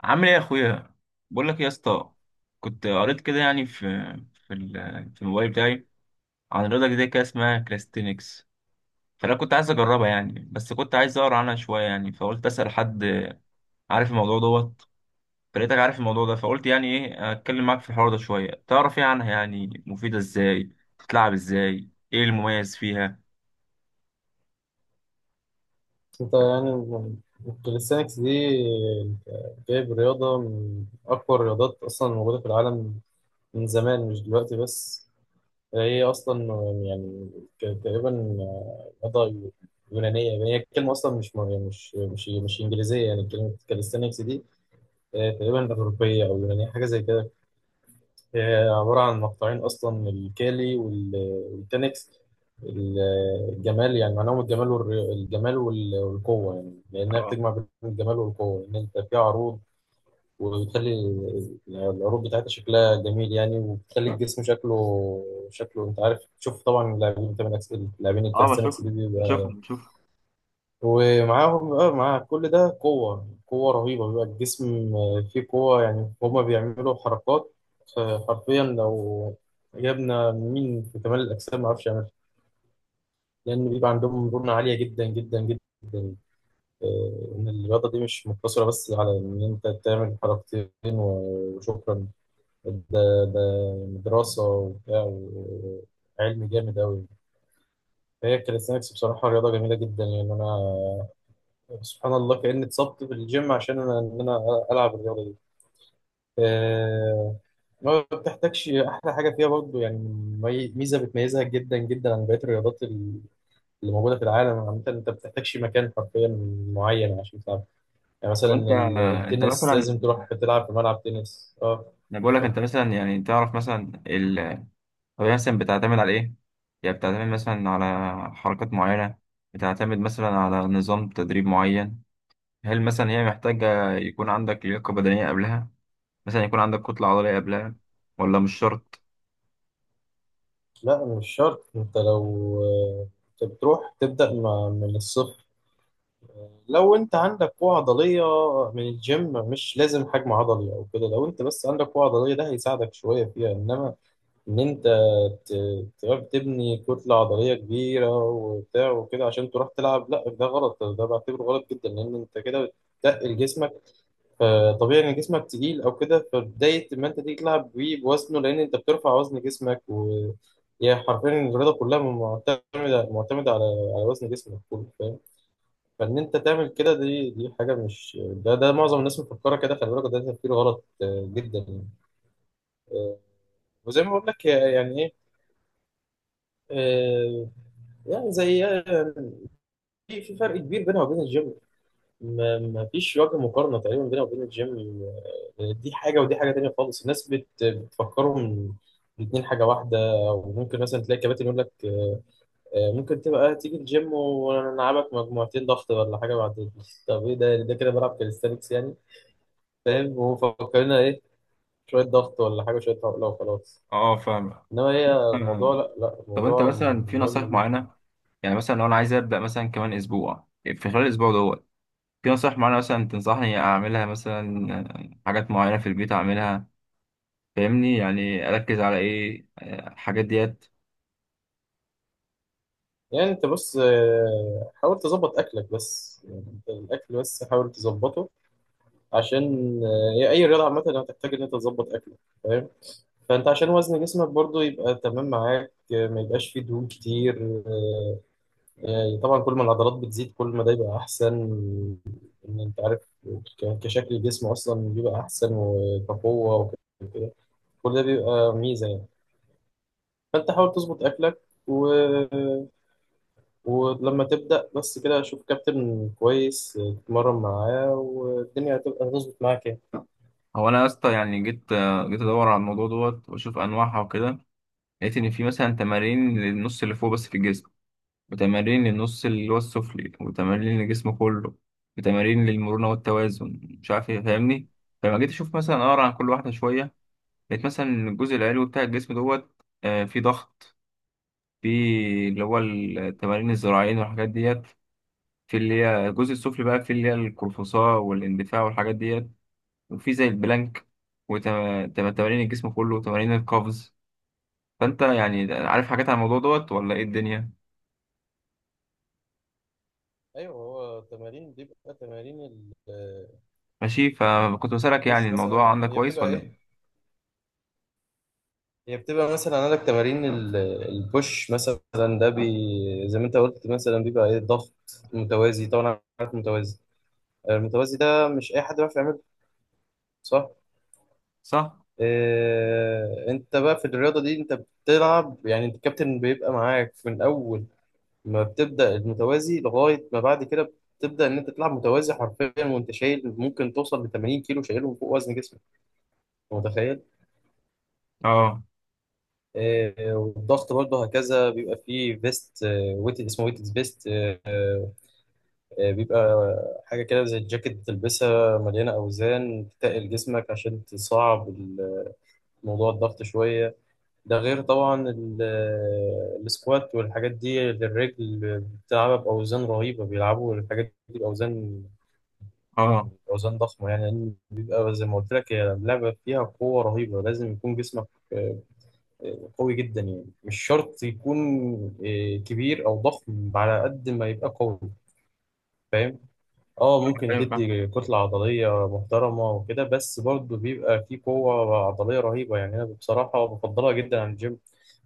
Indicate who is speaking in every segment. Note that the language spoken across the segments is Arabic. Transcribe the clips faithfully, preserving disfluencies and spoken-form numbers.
Speaker 1: عامل ايه يا اخويا؟ بقول لك يا اسطى، كنت قريت كده يعني في في ال- في الموبايل بتاعي عن رياضه جديده كده اسمها كلاستينكس. فانا كنت عايز اجربها يعني، بس كنت عايز اقرا عنها شويه يعني، فقلت اسال حد عارف الموضوع دوت. فلقيتك عارف الموضوع ده، فقلت يعني ايه، اتكلم معاك في الحوار ده شويه، تعرف ايه عنها؟ يعني مفيده ازاي؟ بتتلعب ازاي؟ ايه المميز فيها؟
Speaker 2: انت يعني الكاليستانكس دي جايب رياضة من أقوى الرياضات أصلا موجودة في العالم، من زمان مش دلوقتي بس. هي أصلا يعني ك- تقريبا رياضة يونانية، يعني هي الكلمة أصلا مش مش مش مش إنجليزية، يعني كلمة كاليستانكس دي آه، تقريبا أوروبية أو يونانية، حاجة زي كده. هي عبارة عن مقطعين أصلا، من الكالي وال- والتنكس. ال- الجمال، يعني معناهم الجمال والر- الجمال وال- والقوة، يعني لأنها
Speaker 1: اه.
Speaker 2: بتجمع بين الجمال والقوة، إن أنت فيها عروض، وبتخلي ال- العروض بتاعتها شكلها جميل يعني، وبتخلي الجسم شكله شكله أنت عارف تشوف. طبعا اللاعبين، أنت من أكس- اللاعبين
Speaker 1: اه
Speaker 2: الكاليستانكس
Speaker 1: بشوف.
Speaker 2: دي
Speaker 1: بشوف
Speaker 2: بيبقى
Speaker 1: بشوف
Speaker 2: ومعاهم، اه، مع كل ده قوة قوة رهيبة، بيبقى الجسم آه، فيه قوة، يعني هما بيعملوا حركات آه، حرفيا لو جبنا مين في كمال الأجسام معرفش يعملها، لأن بيبقى عندهم مرونة عالية جدا جدا جدا. آه، إن الرياضة دي مش مقتصرة بس على إن أنت تعمل حركتين و- وشكرا، ده ده دراسة وبتاع، وعلم جامد أوي. فهي الكاليستانكس بصراحة رياضة جميلة جدا يعني، أنا سبحان الله كأني اتصبت في الجيم عشان انا ان انا العب الرياضه دي. آه، ما بتحتاجش. احلى حاجه فيها برضو يعني، مي- ميزه بتميزها جدا جدا عن بقيه الرياضات ال- اللي موجوده في العالم عامه، انت ما بتحتاجش مكان حرفيا معين عشان تلعب. يعني
Speaker 1: طب
Speaker 2: مثلا
Speaker 1: انت
Speaker 2: ال-
Speaker 1: انت
Speaker 2: التنس
Speaker 1: مثلا،
Speaker 2: لازم تروح تلعب في ملعب تنس، اه.
Speaker 1: انا بقول لك،
Speaker 2: طب
Speaker 1: انت مثلا يعني تعرف مثلا؟ طب هي مثلا بتعتمد على إيه؟ يعني بتعتمد مثلا على حركات معينة؟ بتعتمد مثلا على نظام تدريب معين؟ هل مثلا هي محتاجة يكون عندك لياقة بدنية قبلها؟ مثلا يكون عندك كتلة عضلية قبلها، ولا مش شرط؟
Speaker 2: لا، مش شرط. انت لو آه، انت بتروح تبدا م- من الصفر، لو انت عندك قوة عضلية من الجيم، مش لازم حجم عضلي او كده، لو انت بس عندك قوة عضلية ده هيساعدك شوية فيها. انما ان انت ت- تعرف تبني كتلة عضلية كبيرة وبتاع وكده عشان تروح تلعب، لا ده غلط، ده بعتبره غلط جدا، لان انت كده بتتقل جسمك، فطبيعي ان جسمك تقيل او كده، فبداية ما انت تيجي تلعب بيه بوزنه، لان انت بترفع وزن جسمك. و هي حرفيا الرياضة كلها معتمدة معتمدة على على وزن جسمك كله، فاهم؟ فان انت تعمل كده، دي دي حاجه مش، ده ده معظم الناس مفكره كده، خلي بالك ده تفكير غلط آه، جدا يعني. آه، وزي ما بقول لك آه، يعني ايه، آه، يعني زي، آه، في في فرق كبير بينها وبين الجيم، ما ما فيش وجه مقارنه تقريبا بينها وبين الجيم. آه، دي حاجه ودي حاجه تانيه خالص، الناس بت بتفكرهم الاتنين حاجه واحده. وممكن مثلا تلاقي كباتن يقول لك آه، آه، ممكن تبقى تيجي الجيم ونلعبك مجموعتين ضغط ولا حاجه، بعد طب ايه؟ ده ده كده بلعب كاليستانكس يعني، فاهم؟ ومفكرينها ايه؟ شوية ضغط ولا حاجة شوية عقلة وخلاص.
Speaker 1: اه، فاهم.
Speaker 2: انما هي الموضوع
Speaker 1: آه،
Speaker 2: لا لا،
Speaker 1: طب انت
Speaker 2: الموضوع
Speaker 1: مثلا في
Speaker 2: مهم
Speaker 1: نصائح
Speaker 2: جدا.
Speaker 1: معينة؟ يعني مثلا لو انا عايز ابدأ مثلا كمان اسبوع، في خلال الاسبوع دوت في نصائح معينة مثلا تنصحني اعملها؟ مثلا آه، حاجات معينة في البيت اعملها، فاهمني؟ يعني اركز على ايه، آه، الحاجات ديت؟
Speaker 2: يعني انت بص، آه، حاول تظبط اكلك بس، يعني انت الاكل بس حاول تظبطه، عشان آه، هي اي رياضة عامة هتحتاج ان انت تظبط اكلك، فاهم؟ فانت عشان وزن جسمك برضو يبقى تمام معاك آه، ما يبقاش فيه دهون كتير آه، يعني طبعا كل ما العضلات بتزيد كل ما ده يبقى احسن، ان انت عارف ك- كشكل الجسم اصلا بيبقى احسن وكقوه وكده، كل ده بيبقى ميزه يعني. فانت حاول تظبط اكلك، و... ولما تبدا بس كده شوف كابتن كويس تتمرن معاه والدنيا هتبقى هتظبط معاك يعني.
Speaker 1: هو انا يا اسطى يعني جيت جيت ادور على الموضوع دوت واشوف انواعها وكده، لقيت ان في مثلا تمارين للنص اللي فوق بس في الجسم، وتمارين للنص اللي هو السفلي، وتمارين للجسم كله، وتمارين للمرونه والتوازن مش عارف ايه، فاهمني؟ فلما جيت اشوف مثلا اقرا عن كل واحده شويه، لقيت مثلا إن الجزء العلوي بتاع الجسم دوت آه، في ضغط، في اللي هو التمارين الذراعين والحاجات ديت، في اللي هي الجزء السفلي بقى في اللي هي القرفصاء والاندفاع والحاجات ديت، وفي زي البلانك، وتمارين الجسم كله، وتمارين القفز. فانت يعني عارف حاجات عن الموضوع دوت ولا ايه الدنيا؟
Speaker 2: ايوه، هو التمارين بيبقى تمارين البوش
Speaker 1: ماشي، فكنت بسألك يعني الموضوع
Speaker 2: مثلا.
Speaker 1: عندك
Speaker 2: هي
Speaker 1: كويس
Speaker 2: بتبقى
Speaker 1: ولا
Speaker 2: ايه؟
Speaker 1: ايه.
Speaker 2: هي بتبقى مثلا عندك تمارين ال- البوش مثلا، ده بي، زي ما انت قلت مثلا بيبقى ايه؟ ضغط متوازي طبعا، عارف متوازي؟ المتوازي ده مش اي حد بيعرف يعمله، صح؟
Speaker 1: صح.
Speaker 2: إيه؟ انت بقى في الرياضه دي انت بتلعب، يعني انت الكابتن بيبقى معاك من اول ما بتبدا المتوازي لغايه ما بعد كده، بتبدا ان انت تلعب متوازي حرفيا، وانت شايل ممكن توصل ل تمانين كيلو شايلهم فوق وزن جسمك، متخيل؟
Speaker 1: اه.
Speaker 2: إيه والضغط برضه هكذا بيبقى فيه فيست، ويت، اسمه ويت فيست، آه، بيبقى حاجة كده زي الجاكيت بتلبسها مليانة أوزان تتقل جسمك عشان تصعب ال- موضوع الضغط شوية. ده غير طبعا ال- آه، السكوات والحاجات دي للرجل، بتلعبها بأوزان رهيبة، بيلعبوا الحاجات دي بأوزان
Speaker 1: اه
Speaker 2: أوزان ضخمة يعني، لأن بيبقى زي ما قلت لك هي لعبة فيها قوة رهيبة، لازم يكون جسمك آه، آه، قوي جدا يعني، مش شرط يكون آه، كبير أو ضخم، على قد ما يبقى قوي، فاهم؟ اه، ممكن
Speaker 1: فاهم فاهم
Speaker 2: تدي كتلة عضلية محترمة وكده، بس برضه بيبقى فيه قوة عضلية رهيبة. يعني أنا بصراحة بفضلها جدا عن الجيم.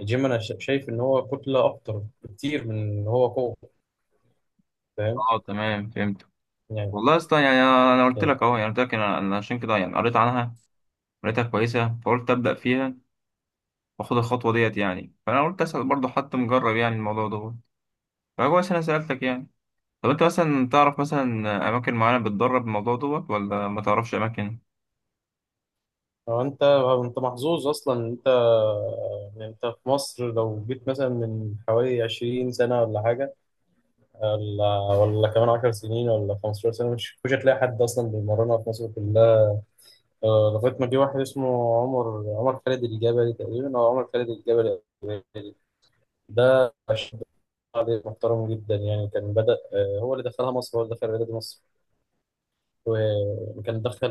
Speaker 2: الجيم أنا شا- شايف إن هو كتلة أكتر بكتير من إن هو قوة، فاهم؟
Speaker 1: اه تمام، فهمت.
Speaker 2: يعني
Speaker 1: والله اصلا يعني انا أنا قلت لك اهو، يعني قلت لك، انا أنا عشان كده يعني قريت عنها، قريتها كويسه فقلت ابدا فيها واخد الخطوه ديت يعني. فانا قلت اسال برضه حد مجرب يعني الموضوع دوت، فكويس انا سالتك يعني. طب انت مثلا تعرف مثلا اماكن معينه بتدرب الموضوع دوت، ولا ما تعرفش اماكن؟
Speaker 2: هو، أنت، أنت محظوظ أصلا إن أنت إن أنت في مصر. لو جيت مثلا من حوالي عشرين سنة ولا حاجة، ولا ولا كمان عشر سنين ولا خمسة عشر سنة، مش مش هتلاقي حد أصلا بيمرنها في مصر آه، لغاية ما جه واحد اسمه عمر عمر خالد الجبلي، تقريبا أو عمر خالد الجبلي، ده شاب عليه محترم جدا يعني. كان بدأ، آه، هو اللي دخلها مصر، هو اللي دخل رياضة مصر، وكان دخل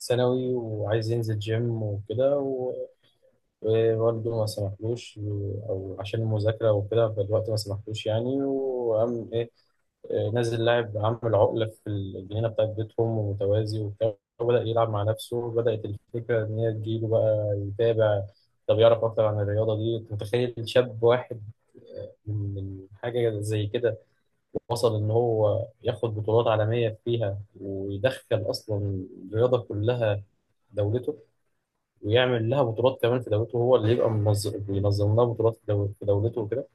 Speaker 2: ثانوي وعايز ينزل جيم وكده و- ووالده ما سمحلوش، أو عشان المذاكرة وكده، فالوقت ما سمحلوش يعني. وقام إيه، نازل لاعب عامل عقلة في الجنينة بتاعت بيتهم، ومتوازي وبتاع، وبدأ يلعب مع نفسه. بدأت الفكرة إن هي تجيله بقى يتابع، طب يعرف أكتر عن الرياضة دي. أنت متخيل شاب واحد آه، من من حاجة زي كده وصل إن هو ياخد بطولات عالمية فيها، ويدخل أصلا الرياضة كلها دولته، ويعمل لها بطولات كمان في دولته، هو اللي يبقى منظم بينظم لها بطولات في دول- في دولته وكده.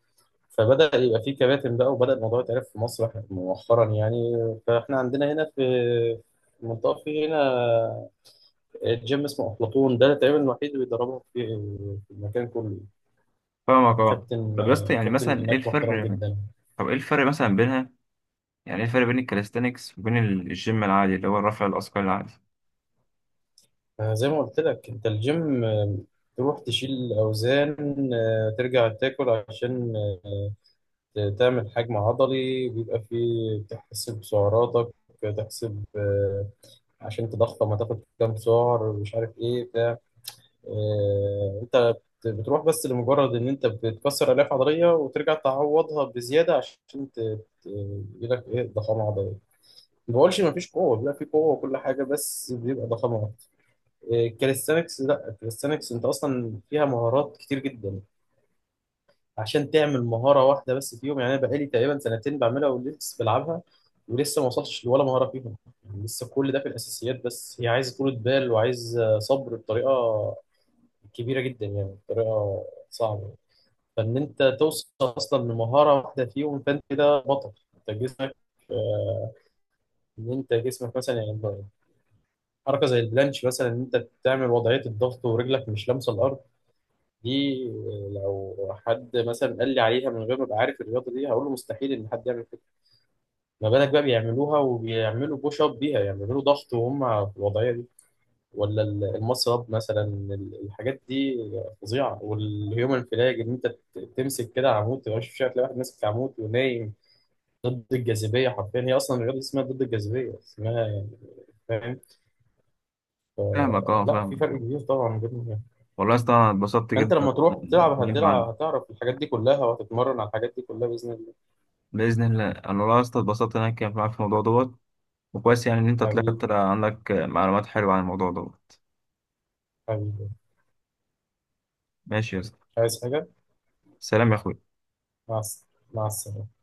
Speaker 2: فبدأ يبقى في كباتن بقى، وبدأ الموضوع يتعرف في مصر مؤخرا يعني. فاحنا عندنا هنا في في المنطقة في هنا جيم اسمه أفلاطون، ده تقريبا الوحيد اللي بيدربهم في في المكان كله.
Speaker 1: فاهمك، اه.
Speaker 2: كابتن،
Speaker 1: طب يا اسطى يعني
Speaker 2: كابتن
Speaker 1: مثلا ايه
Speaker 2: هناك محترم
Speaker 1: الفرق؟
Speaker 2: جدا.
Speaker 1: طب ايه الفرق مثلا بينها؟ يعني ايه الفرق بين الكاليستانكس وبين ال- الجيم العادي اللي هو الرفع الاثقال العادي؟
Speaker 2: زي ما قلت لك انت الجيم تروح تشيل أوزان، ترجع تاكل عشان تعمل حجم عضلي، بيبقى فيه تحسب سعراتك، تحسب آه، عشان تضخم هتاخد كام سعر مش عارف ايه بتاع. آه، انت بت- بتروح بس لمجرد ان انت بتكسر الياف عضليه وترجع تعوضها بزياده عشان ت- ت- يجيلك ايه ضخامه عضليه. ما بقولش ما فيش قوه، بيبقى في قوه وكل حاجه، بس بيبقى ضخامه اكتر. الكاليستانكس لا، الكاليستانكس انت اصلا فيها مهارات كتير جدا، عشان تعمل مهارة واحدة بس فيهم. يعني أنا بقالي تقريبا سنتين بعملها ولسه بلعبها، ولسه ما وصلتش لولا مهارة فيهم، يعني لسه كل ده في الأساسيات بس. هي عايزة طولة بال، وعايزة صبر بطريقة كبيرة جدا، يعني بطريقة صعبة. فإن أنت توصل أصلا لمهارة واحدة فيهم، فأنت كده بطل. أنت جسمك آه، إن أنت جسمك مثلا يعني، حركة زي البلانش مثلا، إن أنت تعمل وضعية الضغط ورجلك مش لامسة الأرض، دي لو حد مثلا قال لي عليها من غير ما ابقى عارف الرياضه دي، هقول له مستحيل ان حد يعمل كده. ما بالك بقى بيعملوها وبيعملوا بوش اب بيها، يعملوا ضغط وهم في الوضعيه دي، ولا ال- المص اب مثلا، ال- الحاجات دي فظيعه. والهيومن فلاج ان انت ت- تمسك كده عمود، تبقى مش شايف، تلاقي واحد ماسك عمود ونايم ضد الجاذبيه، حرفيا هي اصلا الرياضه دي اسمها ضد الجاذبيه اسمها يعني، فاهم؟
Speaker 1: فاهمك، اه،
Speaker 2: لا في
Speaker 1: فاهمك.
Speaker 2: فرق كبير طبعا بينهم يعني.
Speaker 1: والله يا اسطى انا اتبسطت
Speaker 2: فانت
Speaker 1: جدا
Speaker 2: لما تروح تلعب
Speaker 1: بالكلام معاك.
Speaker 2: هتلعب، هتعرف الحاجات دي كلها، وهتتمرن على الحاجات دي كلها باذن الله.
Speaker 1: باذن الله. انا والله يا اسطى اتبسطت ان انا اتكلمت معاك في الموضوع دوت، وكويس يعني ان انت طلعت
Speaker 2: حبيبي،
Speaker 1: طلع عندك معلومات حلوه عن الموضوع دوت.
Speaker 2: حبيبي.
Speaker 1: ماشي يا اسطى.
Speaker 2: عايز حاجة؟
Speaker 1: سلام يا اخوي.
Speaker 2: مع الس- مع السلامة.